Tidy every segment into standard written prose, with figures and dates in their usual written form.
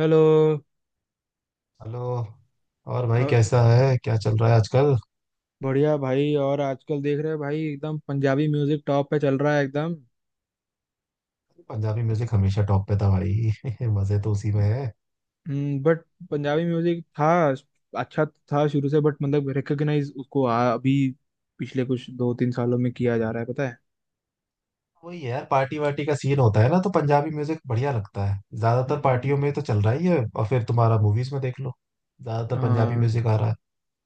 Hello. Hello. और भाई अ- कैसा है, क्या चल रहा है आजकल? बढ़िया भाई। और आजकल देख रहे हैं भाई, एकदम पंजाबी म्यूजिक टॉप पे चल रहा है एकदम। पंजाबी म्यूजिक हमेशा टॉप पे था भाई मजे तो उसी में है। बट पंजाबी म्यूजिक था अच्छा, था शुरू से बट मतलब रिकॉग्नाइज उसको अभी पिछले कुछ दो तीन सालों में किया जा रहा है, पता है। वही है यार, पार्टी वार्टी का सीन होता है ना, तो पंजाबी म्यूजिक बढ़िया लगता है, ज्यादातर हम्म। पार्टियों में तो चल रहा ही है। और फिर तुम्हारा मूवीज में देख लो, ज्यादातर पंजाबी हाँ। म्यूजिक आ रहा है।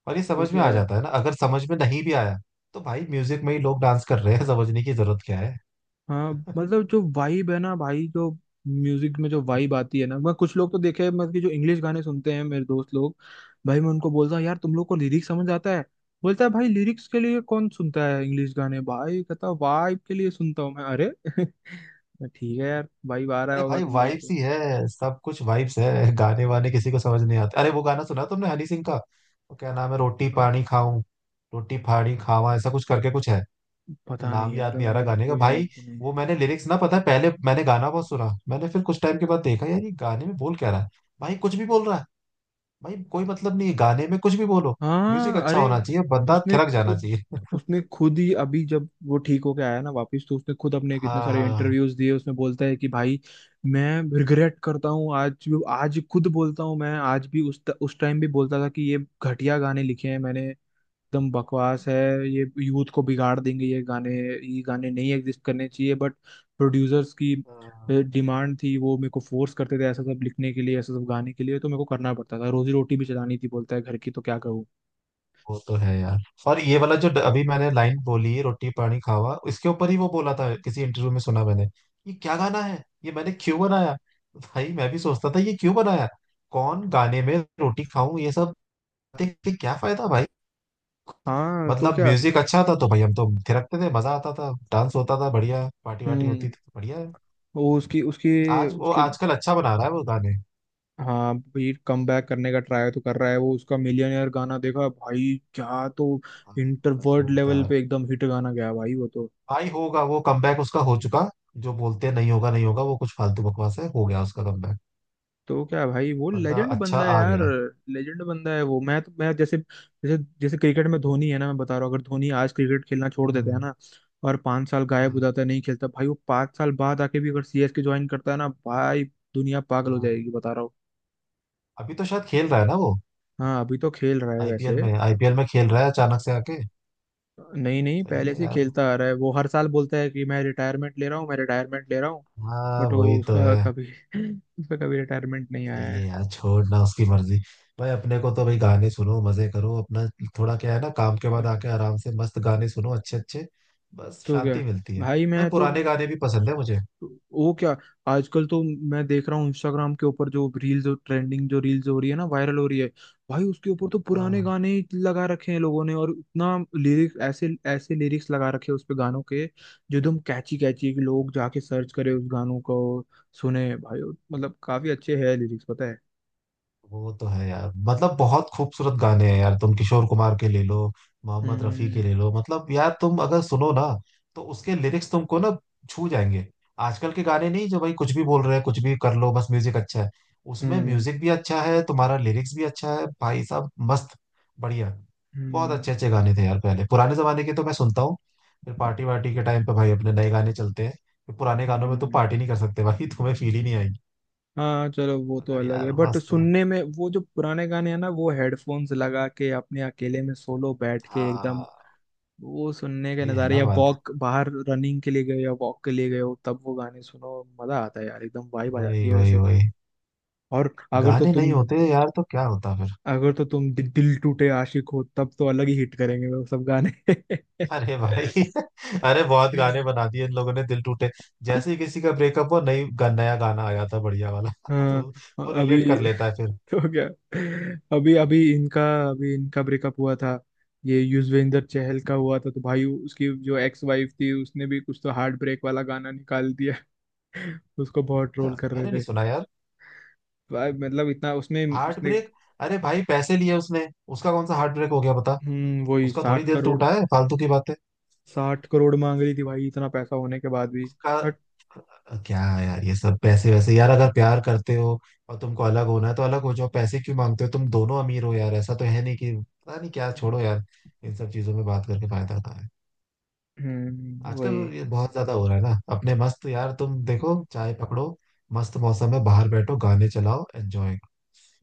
और ये तो समझ में क्या। आ जाता है ना, अगर समझ में नहीं भी आया तो भाई म्यूजिक में ही लोग डांस कर रहे हैं समझने की जरूरत क्या है। हाँ, मतलब जो वाइब है ना भाई, जो म्यूजिक में जो वाइब आती है ना, मैं कुछ लोग तो देखे हैं, मतलब कि जो इंग्लिश गाने सुनते हैं मेरे दोस्त लोग। भाई मैं उनको बोलता हूँ, यार तुम लोग को लिरिक्स समझ आता है? बोलता है भाई लिरिक्स के लिए कौन सुनता है इंग्लिश गाने, भाई कहता वाइब के लिए सुनता हूँ मैं, अरे ठीक है यार, वाइब आ रहा अरे होगा भाई तुम लोग वाइब्स को। ही है, सब कुछ वाइब्स है, गाने वाने किसी को समझ नहीं आते। अरे वो गाना सुना तुमने हनी सिंह का, वो क्या नाम है, रोटी हाँ। पानी खाऊं, रोटी फाड़ी खावा, ऐसा कुछ करके कुछ है। वो पता नाम नहीं यार, याद नहीं आ रहा मेरे गाने का को भाई। याद नहीं। वो मैंने लिरिक्स ना पता है, पहले मैंने गाना बहुत सुना, मैंने फिर कुछ टाइम के बाद देखा यार ये गाने में बोल क्या रहा है। भाई कुछ भी बोल रहा है, भाई कोई मतलब नहीं है गाने में, कुछ भी बोलो म्यूजिक हाँ। अच्छा अरे होना चाहिए, बंदा उसने थिरक जाना खुद चाहिए। उसने खुद ही अभी जब वो ठीक होके आया ना वापस, तो उसने खुद अपने कितने हाँ, सारे हाँ, इंटरव्यूज दिए, उसमें बोलता है कि भाई मैं रिग्रेट करता हूँ आज भी, आज खुद बोलता हूँ मैं, आज भी उस टाइम भी बोलता था कि ये घटिया गाने लिखे हैं मैंने, एकदम बकवास है, ये यूथ को बिगाड़ देंगे, ये गाने नहीं एग्जिस्ट करने चाहिए बट प्रोड्यूसर्स की हाँ। डिमांड थी, वो मेरे को फोर्स करते थे ऐसा सब लिखने के लिए, ऐसा सब गाने के लिए, तो मेरे को करना पड़ता था, रोजी रोटी भी चलानी थी, बोलता है घर की, तो क्या करूँ। वो तो है यार। और ये वाला जो अभी मैंने लाइन बोली, रोटी पानी खावा, इसके ऊपर ही वो बोला था किसी इंटरव्यू में, सुना मैंने। ये क्या गाना है, ये मैंने क्यों बनाया। भाई मैं भी सोचता था ये क्यों बनाया। कौन गाने में रोटी खाऊं ये सब, देख के क्या फायदा भाई। हाँ तो मतलब क्या। म्यूजिक अच्छा था तो भाई हम तो थिरकते थे, मजा आता था, डांस होता था बढ़िया, पार्टी वार्टी होती हम्म। थी, बढ़िया है। वो उसकी उसकी आज वो उसकी आजकल अच्छा बना रहा है वो गाने। हाँ भाई, कम बैक करने का ट्राई तो कर रहा है वो, उसका मिलियनेयर गाना देखा भाई क्या तो, हाँ, इंटर वर्ल्ड लेवल जोरदार। पे एकदम हिट गाना गया भाई वो तो। भाई होगा, वो कमबैक उसका हो चुका। जो बोलते हैं नहीं होगा नहीं होगा, वो कुछ फालतू बकवास है, हो गया उसका कमबैक। तो क्या भाई, वो बंदा लेजेंड अच्छा बंदा है आ यार, गया। लेजेंड बंदा है वो। मैं जैसे, जैसे क्रिकेट में धोनी है ना, मैं बता रहा हूँ अगर धोनी आज क्रिकेट खेलना छोड़ देता है हम्म। ना और 5 साल गायब हो हाँ। जाता है, नहीं खेलता भाई, वो 5 साल बाद आके भी अगर CSK ज्वाइन करता है ना भाई, दुनिया पागल हो हाँ। जाएगी, बता रहा हूँ। अभी तो शायद खेल रहा है ना वो। हाँ अभी तो खेल रहा है वैसे। आईपीएल में खेल रहा है अचानक से आके। नहीं नहीं, सही पहले है से यार। खेलता आ रहा है वो, हर साल बोलता है कि मैं रिटायरमेंट ले रहा हूँ, मैं रिटायरमेंट ले रहा हूँ हाँ बट वो वही तो उसका है। कभी उसका कभी रिटायरमेंट नहीं सही आया। है यार, छोड़ना उसकी मर्जी। भाई अपने को तो भाई गाने सुनो, मजे करो अपना। थोड़ा क्या है ना, काम के बाद है। आके आराम से मस्त गाने सुनो अच्छे अच्छे। बस तो क्या शांति मिलती है। भाई। भाई मैं तो। पुराने गाने भी पसंद है मुझे। वो क्या, आजकल तो मैं देख रहा हूँ इंस्टाग्राम के ऊपर जो रील्स ट्रेंडिंग, जो रील्स हो रही है ना वायरल हो रही है, भाई उसके ऊपर तो पुराने हाँ। गाने ही लगा रखे हैं लोगों ने, और इतना लिरिक्स ऐसे, ऐसे लिरिक्स लगा रखे हैं उस पे गानों के जो एकदम कैची कैची है, कि लोग जाके सर्च करें उस गानों को, सुने भाई। मतलब काफी अच्छे है लिरिक्स, पता है। वो तो है यार, मतलब बहुत खूबसूरत गाने हैं यार, तुम किशोर कुमार के ले लो, मोहम्मद रफी के हम्म। ले लो, मतलब यार तुम अगर सुनो ना तो उसके लिरिक्स तुमको ना छू जाएंगे। आजकल के गाने नहीं, जो भाई कुछ भी बोल रहे हैं, कुछ भी कर लो बस म्यूजिक अच्छा है। उसमें हम्म। म्यूजिक भी अच्छा है, तुम्हारा लिरिक्स भी अच्छा है भाई साहब, मस्त, बढ़िया। बहुत हम्म। अच्छे अच्छे गाने थे यार पहले पुराने जमाने के, तो मैं सुनता हूँ। फिर पार्टी वार्टी के टाइम पे भाई अपने नए गाने चलते हैं। फिर पुराने गानों में तुम हम्म। पार्टी नहीं कर सकते भाई तुम्हें फील ही नहीं आएगी। हाँ चलो, वो तो अगर अलग है यार बट मस्त है। सुनने में वो जो पुराने गाने हैं ना, वो हेडफोन्स लगा के अपने अकेले में सोलो बैठ के एकदम, हाँ, वो सुनने के ये है नज़ारे ना या बात। वॉक बाहर, रनिंग के लिए गए या वॉक के लिए गए हो, तब वो गाने सुनो मजा आता है यार, एकदम वाइब आ वही जाती है वही वैसे। वही। और अगर तो गाने नहीं तुम होते यार तो क्या होता फिर। अगर तो तुम दिल टूटे आशिक हो तब तो अलग ही हिट करेंगे वो सब गाने अरे भाई अरे बहुत गाने बना दिए इन लोगों ने दिल टूटे। जैसे ही किसी का ब्रेकअप हो, नया गाना आ जाता है बढ़िया वाला हाँ। तो वो अभी रिलेट कर लेता है फिर। तो क्या, अभी अभी इनका ब्रेकअप हुआ था, ये युजवेंद्र चहल का हुआ था, तो भाई उसकी जो एक्स वाइफ थी उसने भी कुछ तो हार्ट ब्रेक वाला गाना निकाल दिया उसको बहुत ट्रोल कर मैंने नहीं रहे, सुना यार। भाई मतलब इतना उसमें हार्ट उसने, ब्रेक, अरे भाई पैसे लिए उसने, उसका कौन सा हार्ट ब्रेक हो गया बता। हम्म, वही उसका थोड़ी साठ दिल करोड़ टूटा है, फालतू की बातें। 60 करोड़ मांग रही थी भाई इतना पैसा होने के बाद भी, उसका बट। क्या है यार ये सब पैसे वैसे, यार अगर प्यार करते हो और तुमको अलग होना है तो अलग हो जाओ, पैसे क्यों मांगते हो, तुम दोनों अमीर हो यार, ऐसा तो है नहीं कि पता नहीं क्या, छोड़ो यार, इन सब चीजों में बात करके फायदा होता है। वही। आजकल ये बहुत ज्यादा हो रहा है ना, अपने मस्त यार, तुम देखो चाय पकड़ो, मस्त मौसम में बाहर बैठो, गाने चलाओ, एंजॉय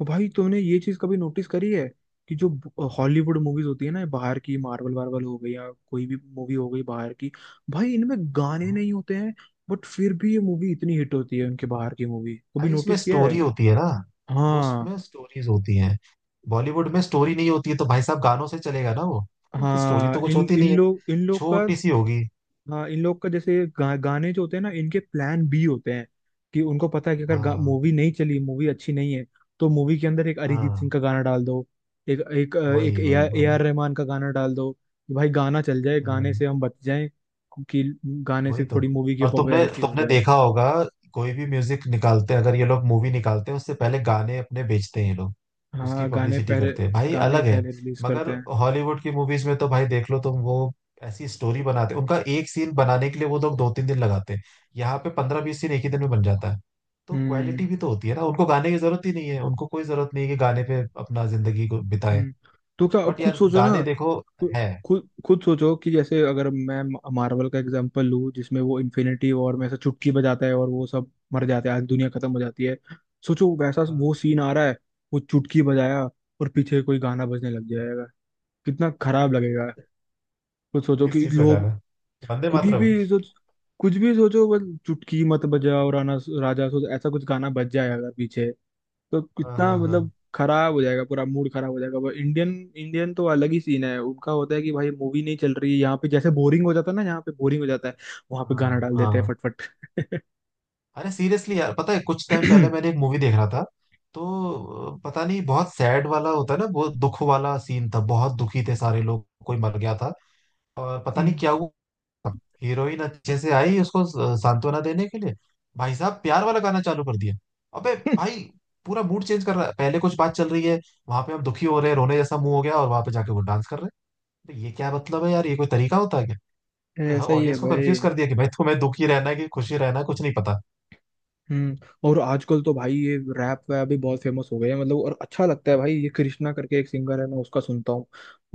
और भाई तुमने ये चीज कभी नोटिस करी है कि जो हॉलीवुड मूवीज होती है ना बाहर की, मार्वल वार्वल हो गई या कोई भी मूवी हो गई बाहर की, भाई इनमें गाने करो। नहीं होते हैं बट फिर भी ये मूवी इतनी हिट होती है उनके, बाहर की मूवी कभी भाई उसमें नोटिस किया है? स्टोरी होती है ना, वो हाँ उसमें स्टोरीज होती हैं। बॉलीवुड में स्टोरी नहीं होती है तो भाई साहब गानों से चलेगा ना वो। स्टोरी हाँ। तो कुछ इन होती नहीं है, इन लोग का छोटी सी होगी। हाँ, इन लोग का जैसे गाने जो होते हैं ना, इनके प्लान बी होते हैं, कि उनको पता है कि अगर हाँ, मूवी नहीं चली, मूवी अच्छी नहीं है, तो मूवी के अंदर एक अरिजीत सिंह हाँ। का गाना डाल दो, एक एक अ, एक वही ए वही आर ए वही। आर रहमान का गाना डाल दो, कि भाई गाना चल जाए, गाने हम्म, से हम बच जाएं, कि गाने वही से तो। थोड़ी मूवी की और तुमने पॉपुलैरिटी हो तुमने जाए। देखा होगा, कोई भी म्यूजिक निकालते हैं, अगर ये लोग मूवी निकालते हैं उससे पहले गाने अपने बेचते हैं ये लोग, उसकी हाँ, गाने पब्लिसिटी पहले करते हैं भाई, गाने अलग है। पहले रिलीज मगर करते हैं। हॉलीवुड की मूवीज में तो भाई देख लो तुम वो, ऐसी स्टोरी बनाते हैं, उनका एक सीन बनाने के लिए वो लोग दो तीन दिन लगाते हैं। यहाँ पे पंद्रह बीस सीन एक ही दिन में बन जाता है। तो क्वालिटी हम्म। भी तो होती है ना, उनको गाने की जरूरत ही नहीं है, उनको कोई जरूरत नहीं है कि गाने पे अपना जिंदगी को बिताए। हम्म। तो क्या, अब बट खुद यार सोचो ना। गाने देखो, खु- है। खुद खुद सोचो कि जैसे, अगर मैं मार्वल का एग्जांपल लूँ जिसमें वो इन्फिनिटी वॉर में ऐसा चुटकी बजाता है और वो सब मर जाते हैं, आज दुनिया खत्म हो जाती है, सोचो वैसा वो सीन आ रहा है, वो चुटकी बजाया और पीछे कोई गाना बजने लग जाएगा, कितना खराब लगेगा। खुद सोचो किस कि चीज का लोग, गाना, वंदे कोई भी मातरम। सोच, कुछ भी सोचो, बस चुटकी मत बजाओ राना राजा, सोचो ऐसा कुछ गाना बज जाए अगर पीछे, तो हाँ कितना हाँ हाँ, मतलब खराब हो जाएगा, पूरा मूड खराब हो जाएगा। इंडियन, इंडियन तो अलग ही सीन है उनका, होता है कि भाई मूवी नहीं चल रही है यहाँ पे, जैसे बोरिंग हो जाता है ना, यहाँ पे बोरिंग हो जाता है, वहां पे हाँ गाना डाल देते हैं हाँ। फटफट। अरे सीरियसली यार, पता है कुछ टाइम पहले मैंने एक मूवी देख रहा था तो पता नहीं, बहुत सैड वाला होता है ना, बहुत दुख वाला सीन था, बहुत दुखी थे सारे लोग, कोई मर गया था और पता नहीं क्या हुआ। हीरोइन अच्छे से आई उसको सांत्वना देने के लिए, भाई साहब प्यार वाला गाना चालू कर दिया। अबे भाई पूरा मूड चेंज कर रहा है, पहले कुछ बात चल रही है, वहां पे हम दुखी हो रहे हैं, रोने जैसा मुंह हो गया, और वहां पे जाके वो डांस कर रहे हैं। तो ये क्या मतलब है यार, ये कोई तरीका होता है? ऐसा ही है ऑडियंस को कंफ्यूज भाई। कर दिया कि भाई तुम्हें दुखी रहना है कि खुशी रहना है, कुछ नहीं पता। हम्म। और आजकल तो भाई ये रैप वैप भी बहुत फेमस हो गए हैं, मतलब और अच्छा लगता है भाई, ये कृष्णा करके एक सिंगर है, मैं उसका सुनता हूँ,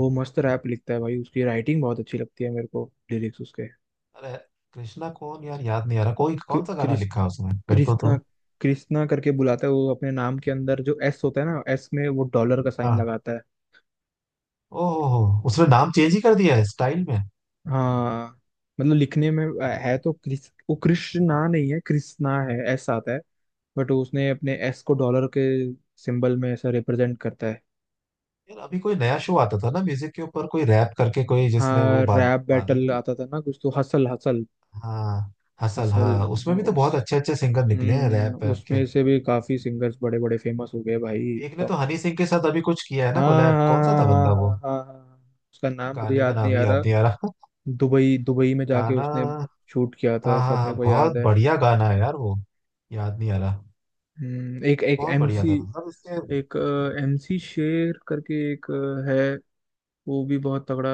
वो मस्त रैप लिखता है भाई, उसकी राइटिंग बहुत अच्छी लगती है मेरे को लिरिक्स उसके, अरे कृष्णा कौन यार, याद नहीं आ रहा, कोई कृ- कौन सा गाना कृष लिखा है उसमें, मेरे को कृष्णा, तो। कृष्णा करके बुलाता है वो, अपने नाम के अंदर जो एस होता है ना, एस में वो डॉलर का साइन हाँ। लगाता है। ओहो, उसने नाम चेंज ही कर दिया है स्टाइल में। हाँ, मतलब लिखने में है तो कृष, वो कृष्णा नहीं है, कृष्णा है, एस आता है, बट उसने अपने एस को डॉलर के सिंबल में ऐसा रिप्रेजेंट करता है। यार अभी कोई नया शो आता था ना म्यूजिक के ऊपर, कोई रैप करके कोई, जिसमें वो हाँ, रैप बादल। बैटल आता था ना, कुछ तो हसल, हसल हाँ, हसल, हसल। हाँ, हाँ उसमें भी तो उस, बहुत अच्छे अच्छे सिंगर निकले हैं हम्म, रैप वैप के। उसमें से भी काफी सिंगर्स बड़े बड़े फेमस हो गए भाई, एक ने तो एकदम। हनी सिंह के साथ अभी कुछ किया है हाँ ना कोलैब, हाँ कौन सा था बंदा हाँ हाँ वो, हाँ हाँ हाँ हाँ, हाँ, हाँ, हाँ, हाँ, उसका नाम मुझे गाने का याद नहीं नाम आ ही याद रहा। नहीं आ रहा। दुबई दुबई में जाके गाना, उसने हाँ शूट किया हाँ था, सब हाँ, मेरे को याद बहुत है। बढ़िया गाना है यार वो, याद नहीं आ रहा। एक एक बहुत बढ़िया एमसी था मतलब इसके। एक MC शेर करके एक है, वो भी बहुत तगड़ा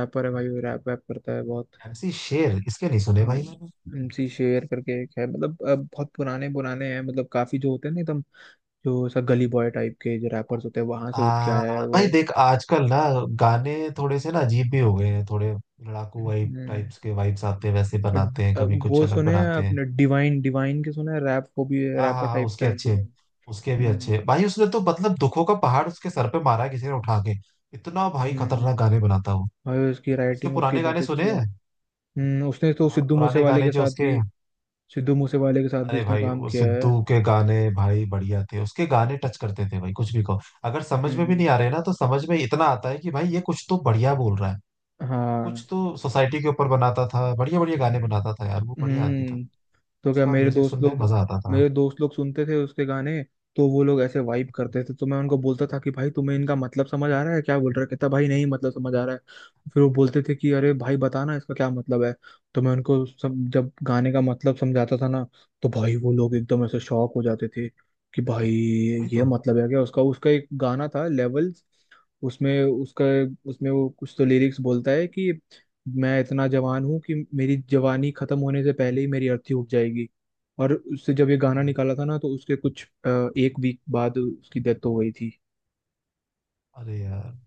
रैपर है भाई, वो रैप वैप करता है बहुत। एमसी शेर, इसके नहीं सुने हाँ, भाई मैंने। MC शेर करके एक है, मतलब बहुत पुराने पुराने हैं, मतलब काफी जो होते हैं ना एकदम, जो सब गली बॉय टाइप के जो रैपर्स होते हैं वहां से उठ के आ, आया है भाई वो। देख आजकल ना गाने थोड़े से ना अजीब भी हो गए हैं, थोड़े लड़ाकू वाइब हम्म, टाइप्स के वाइब्स आते हैं, वैसे अ, बनाते हैं, कभी कुछ वो अलग सुने हैं बनाते हैं। आपने डिवाइन? डिवाइन के सुने हैं? रैप, वो भी हाँ, हाँ रैपर हाँ, टाइप का उसके है अच्छे, डिवाइन। उसके भी हम्म। अच्छे भाई, उसने तो मतलब दुखों का पहाड़ उसके सर पे मारा है किसी ने उठा के, इतना भाई हम्म। खतरनाक गाने बनाता हूँ। भाई उसकी उसके राइटिंग, उसकी पुराने बहुत गाने सुने अच्छी है। हैं। हम्म, उसने तो हाँ सिद्धू पुराने मूसेवाले गाने के जो साथ उसके, भी, सिद्धू मूसेवाले के साथ भी अरे उसने भाई काम वो किया है। सिद्धू के गाने भाई बढ़िया थे, उसके गाने टच करते थे भाई, कुछ भी कहो अगर समझ में भी नहीं हम्म। आ रहे ना तो समझ में इतना आता है कि भाई ये कुछ तो बढ़िया बोल रहा है। कुछ हाँ। तो सोसाइटी के ऊपर बनाता था, बढ़िया बढ़िया गाने बनाता था यार, वो बढ़िया आदमी था, हम्म, तो क्या, उसका म्यूजिक सुनने में मजा आता था। मेरे दोस्त लोग सुनते थे उसके गाने, तो वो लोग ऐसे वाइब करते थे, तो मैं उनको बोलता था कि भाई तुम्हें इनका मतलब समझ आ रहा है, क्या बोल रहा है, कहता भाई नहीं, मतलब समझ आ रहा है। फिर वो बोलते थे कि अरे भाई बताना इसका क्या मतलब है, तो मैं उनको सब, जब गाने का मतलब समझाता था ना, तो भाई वो लोग एकदम ऐसे शॉक हो जाते थे कि भाई वही ये तो। मतलब है क्या उसका। उसका एक गाना था लेवल, उसमें उसका, उसमें वो कुछ तो लिरिक्स बोलता है कि मैं इतना जवान हूँ कि मेरी जवानी खत्म होने से पहले ही मेरी अर्थी उग जाएगी, और उससे जब ये गाना हाँ। निकाला था ना, तो उसके कुछ 1 वीक बाद उसकी डेथ हो गई थी। अरे यार,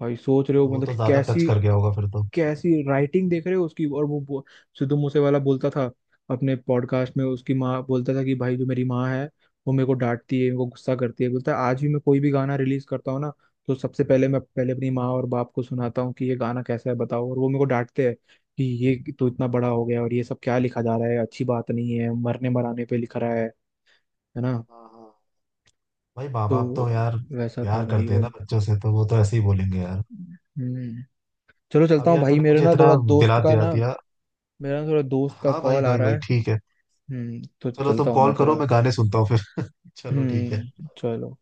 भाई सोच रहे हो तो वो मतलब तो कि ज्यादा टच कैसी, कर गया होगा फिर तो। कैसी राइटिंग देख रहे हो उसकी, और वो सिद्धू मूसे वाला बोलता था अपने पॉडकास्ट में, उसकी माँ, बोलता था कि भाई जो मेरी माँ है वो मेरे को डांटती है, मेरे को गुस्सा करती है, बोलता है आज भी मैं कोई भी गाना रिलीज करता हूँ ना तो सबसे पहले मैं, पहले अपनी माँ और बाप को सुनाता हूँ कि ये गाना कैसा है बताओ, और वो मेरे को डांटते हैं कि ये तो इतना बड़ा हो गया और ये सब क्या लिखा जा रहा है, अच्छी बात नहीं है, मरने मराने पे लिखा रहा है ना। हाँ। हाँ। भाई माँ तो बाप तो यार वैसा था प्यार भाई करते हैं वो। ना बच्चों से, तो वो तो ऐसे ही बोलेंगे यार। हम्म, चलो चलता अब हूँ यार भाई, तूने मेरे मुझे ना इतना थोड़ा दिला दोस्त का दिया ना, दिया। मेरा ना थोड़ा दोस्त का हाँ भाई कॉल आ भाई रहा भाई, है। ठीक है। हम्म, तो चलो चलता तुम हूँ मैं कॉल करो, थोड़ा। मैं गाने सुनता हूँ फिर। चलो ठीक है। चलो।